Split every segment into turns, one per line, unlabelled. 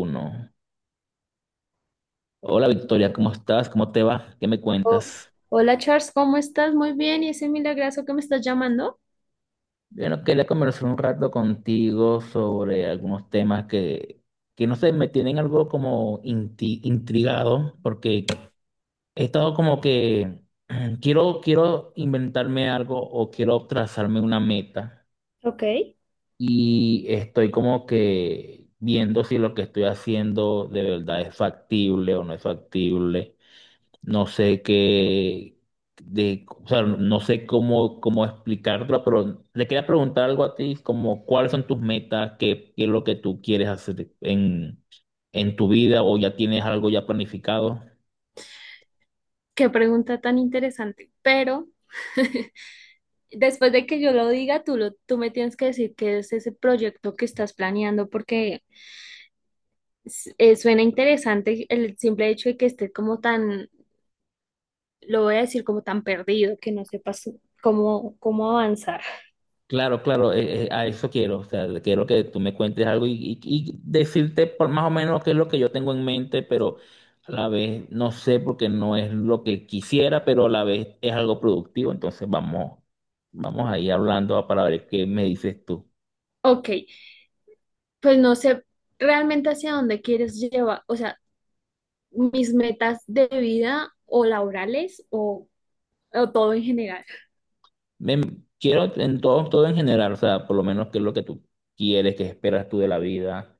Uno. Hola Victoria, ¿cómo estás? ¿Cómo te va? ¿Qué me
Oh,
cuentas?
hola Charles, ¿cómo estás? Muy bien, y ese milagrazo que me estás llamando.
Bueno, quería conversar un rato contigo sobre algunos temas que no sé, me tienen algo como intrigado, porque he estado como que quiero inventarme algo o quiero trazarme una meta
Ok,
y estoy como que viendo si lo que estoy haciendo de verdad es factible o no es factible. No sé qué, o sea, no sé cómo explicarlo, pero le quería preguntar algo a ti, como cuáles son tus metas, qué es lo que tú quieres hacer en tu vida o ya tienes algo ya planificado.
qué pregunta tan interesante. Pero después de que yo lo diga, tú me tienes que decir qué es ese proyecto que estás planeando, porque suena interesante el simple hecho de que esté como tan, lo voy a decir como tan perdido, que no sepas cómo avanzar.
Claro, claro, a eso quiero. O sea, quiero que tú me cuentes algo y decirte por más o menos qué es lo que yo tengo en mente, pero a la vez no sé porque no es lo que quisiera, pero a la vez es algo productivo. Entonces vamos ahí hablando para ver qué me dices tú.
Ok, pues no sé realmente hacia dónde quieres llevar, o sea, mis metas de vida o laborales o todo en general.
Me- quiero en todo, todo en general, o sea, por lo menos qué es lo que tú quieres, qué esperas tú de la vida,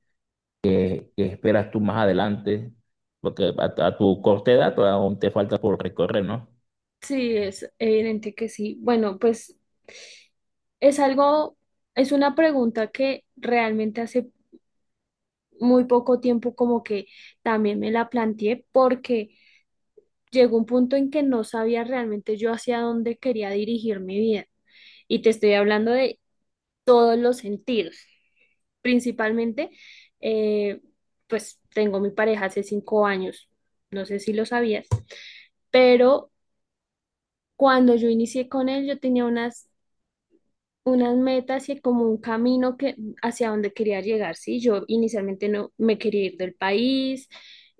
qué esperas tú más adelante, porque a tu corta edad todavía aún te falta por recorrer, ¿no?
Sí, es evidente que sí. Bueno, pues es algo, es una pregunta que realmente hace muy poco tiempo como que también me la planteé porque llegó un punto en que no sabía realmente yo hacia dónde quería dirigir mi vida. Y te estoy hablando de todos los sentidos. Principalmente, eh, pues tengo mi pareja hace 5 años, no sé si lo sabías, pero cuando yo inicié con él, yo tenía unas metas y como un camino que hacia donde quería llegar, ¿sí? Yo inicialmente no me quería ir del país.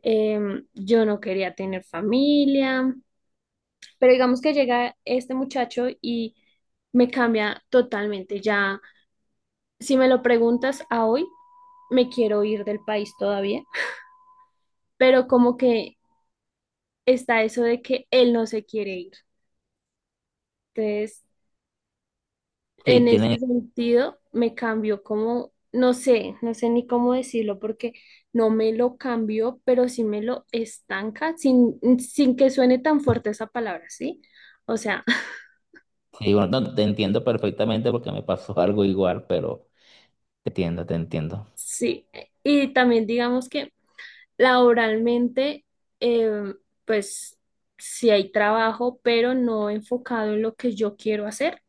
Yo no quería tener familia, pero digamos que llega este muchacho y me cambia totalmente. Ya, si me lo preguntas a hoy, me quiero ir del país todavía, pero como que está eso de que él no se quiere ir. Entonces,
Sí,
en ese
tienes.
sentido, me cambió como, no sé, no sé ni cómo decirlo, porque no me lo cambió, pero sí me lo estanca sin que suene tan fuerte esa palabra, ¿sí? O sea,
Sí, bueno, no, te entiendo perfectamente porque me pasó algo igual, pero te entiendo, te entiendo.
sí. Y también digamos que laboralmente, eh, pues sí hay trabajo, pero no enfocado en lo que yo quiero hacer.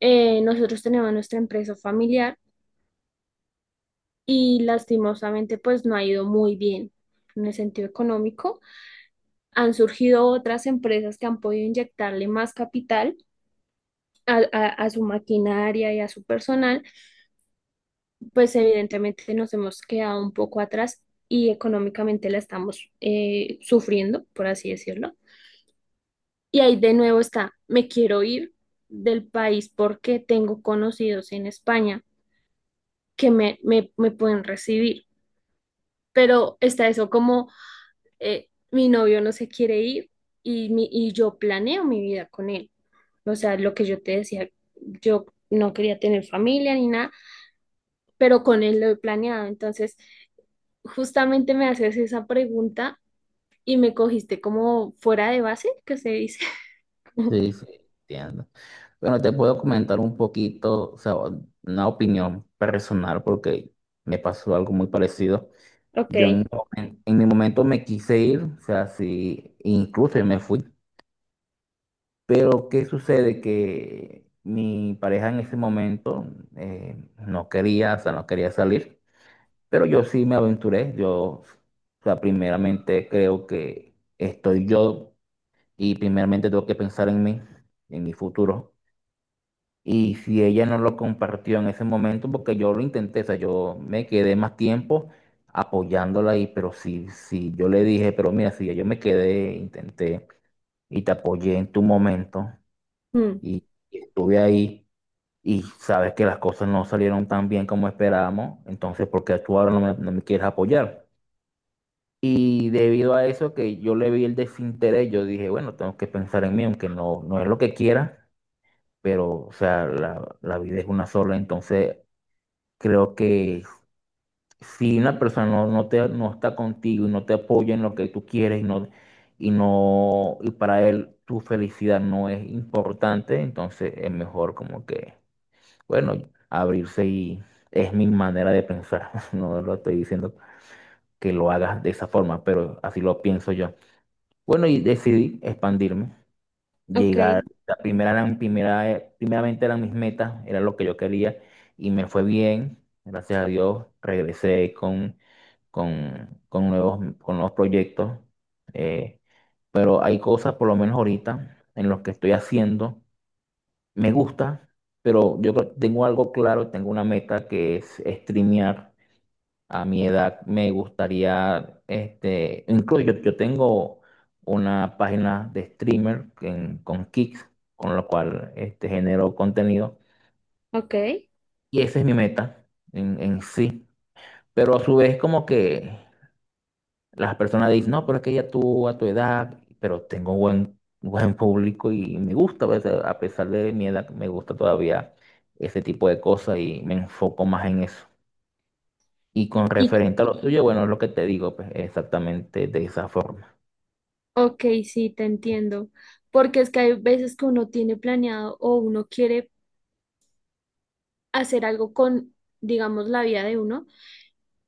Nosotros tenemos nuestra empresa familiar y lastimosamente pues no ha ido muy bien en el sentido económico. Han surgido otras empresas que han podido inyectarle más capital a su maquinaria y a su personal, pues evidentemente nos hemos quedado un poco atrás y económicamente la estamos sufriendo, por así decirlo. Y ahí de nuevo está, me quiero ir del país porque tengo conocidos en España que me pueden recibir, pero está eso como mi novio no se quiere ir y yo planeo mi vida con él. O sea, lo que yo te decía, yo no quería tener familia ni nada, pero con él lo he planeado. Entonces, justamente me haces esa pregunta y me cogiste como fuera de base, que se dice.
Sí, sí, entiendo. Bueno, te puedo comentar un poquito, o sea, una opinión personal porque me pasó algo muy parecido.
Ok,
Yo en mi momento me quise ir, o sea, sí, incluso me fui, pero ¿qué sucede? Que mi pareja en ese momento no quería, o sea, no quería salir. Pero yo sí me aventuré, yo, o sea, primeramente creo que estoy yo y primeramente tengo que pensar en mí, en mi futuro. Y si ella no lo compartió en ese momento, porque yo lo intenté, o sea, yo me quedé más tiempo apoyándola ahí, pero sí sí yo le dije, pero mira, si ya yo me quedé, intenté y te apoyé en tu momento
mm,
y estuve ahí y sabes que las cosas no salieron tan bien como esperábamos, entonces, ¿por qué tú ahora no me quieres apoyar? Y debido a eso que yo le vi el desinterés, yo dije, bueno, tengo que pensar en mí, aunque no es lo que quiera, pero, o sea, la vida es una sola, entonces creo que si una persona no te, no está contigo y no te apoya en lo que tú quieres y no, y no, y para él tu felicidad no es importante, entonces es mejor como que, bueno, abrirse y es mi manera de pensar, no lo estoy diciendo que lo hagas de esa forma, pero así lo pienso yo. Bueno, y decidí expandirme,
ok,
llegar, la primera eran, primera, primeramente eran mis metas, era lo que yo quería y me fue bien, gracias a Dios, regresé con nuevos proyectos, eh, pero hay cosas, por lo menos ahorita, en los que estoy haciendo, me gusta, pero tengo algo claro, tengo una meta que es streamear. A mi edad me gustaría, este, incluso yo tengo una página de streamer con Kicks, con lo cual este, genero contenido.
ok.
Y esa es mi meta en sí. Pero a su vez como que las personas dicen, no, pero es que ya tú a tu edad, pero tengo buen público y me gusta, pues, a pesar de mi edad, me gusta todavía ese tipo de cosas y me enfoco más en eso. Y con
Y,
referente a lo tuyo, bueno, es lo que te digo, pues exactamente de esa forma.
ok, sí, te entiendo. Porque es que hay veces que uno tiene planeado o uno quiere hacer algo con, digamos, la vida de uno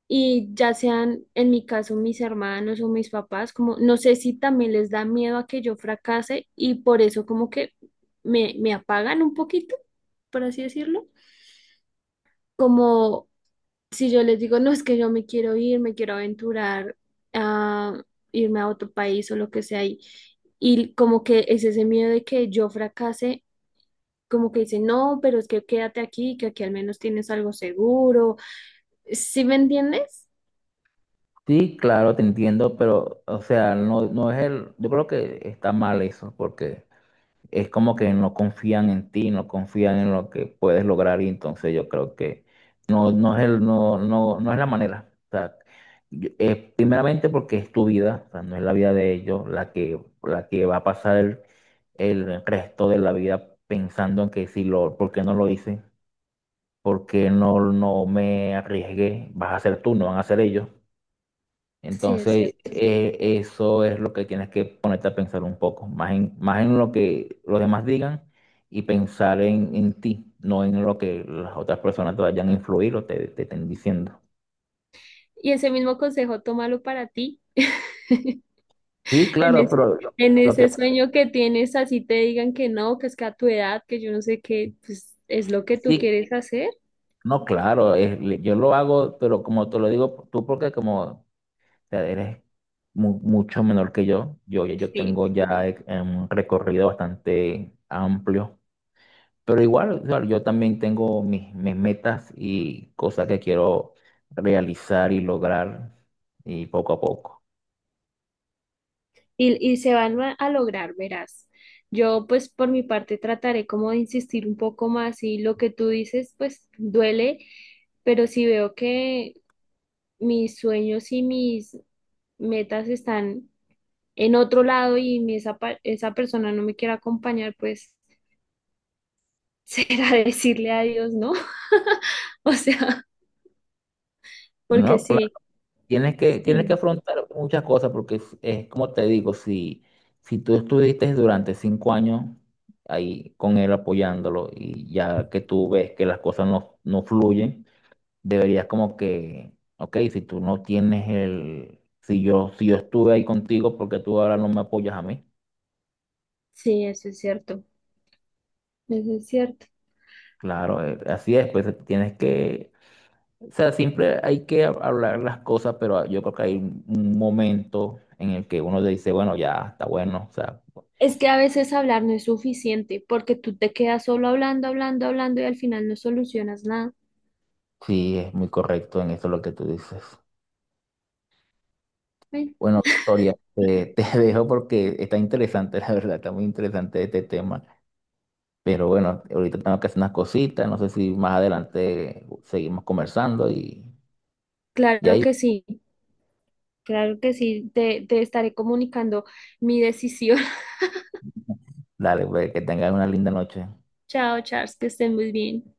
y ya sean, en mi caso, mis hermanos o mis papás, como no sé si también les da miedo a que yo fracase y por eso como que me apagan un poquito, por así decirlo, como si yo les digo, no, es que yo me quiero ir, me quiero aventurar a irme a otro país o lo que sea, y como que es ese miedo de que yo fracase. Como que dicen, no, pero es que quédate aquí, que aquí al menos tienes algo seguro. ¿Sí me entiendes?
Sí, claro, te entiendo, pero, o sea, no es el, yo creo que está mal eso, porque es como que no confían en ti, no confían en lo que puedes lograr, y entonces yo creo que no, no es el, no, no, no es la manera. O sea, primeramente porque es tu vida, o sea, no es la vida de ellos la que va a pasar el resto de la vida pensando en que si lo, ¿por qué no lo hice? Porque no me arriesgué, vas a ser tú, no van a ser ellos.
Sí, es
Entonces,
cierto.
eso es lo que tienes que ponerte a pensar un poco, más en lo que los demás digan y pensar en ti, no en lo que las otras personas te vayan a influir o te estén diciendo.
Y ese mismo consejo, tómalo para ti.
Sí,
En
claro,
ese,
pero lo,
en
lo que
ese sueño que tienes, así te digan que no, que es que a tu edad, que yo no sé qué, pues es lo que tú
sí,
quieres hacer.
no, claro, yo lo hago, pero como te lo digo tú, porque como sea, eres mucho menor que yo. Yo
Sí.
tengo ya un recorrido bastante amplio, pero igual, o sea, yo también tengo mis metas y cosas que quiero realizar y lograr y poco a poco.
Y se van a lograr, verás. Yo, pues por mi parte, trataré como de insistir un poco más y lo que tú dices, pues duele, pero si veo que mis sueños y mis metas están en otro lado y esa persona no me quiere acompañar, pues... será decirle adiós, ¿no? O sea, porque
No, claro,
sí,
tienes que
sí,
afrontar muchas cosas porque es como te digo, si tú estuviste durante 5 años ahí con él apoyándolo y ya que tú ves que las cosas no fluyen deberías como que, ok, si tú no tienes el, si yo, estuve ahí contigo, ¿porque tú ahora no me apoyas a mí?
sí, eso es cierto, eso es cierto.
Claro, así es, pues tienes que, o sea, siempre hay que hablar las cosas, pero ah, yo creo que hay un momento en el que uno dice, bueno, ya está bueno, o sea,
Es que a veces hablar no es suficiente, porque tú te quedas solo hablando, hablando, hablando y al final no solucionas nada.
sí, es muy correcto en eso lo que tú dices.
Bueno,
Bueno, Victoria, te dejo porque está interesante, la verdad, está muy interesante este tema. Pero bueno, ahorita tengo que hacer unas cositas, no sé si más adelante seguimos conversando y
claro
ahí,
que sí, claro que sí, te estaré comunicando mi decisión.
dale, pues, que tengan una linda noche.
Chao, Charles, que estén muy bien.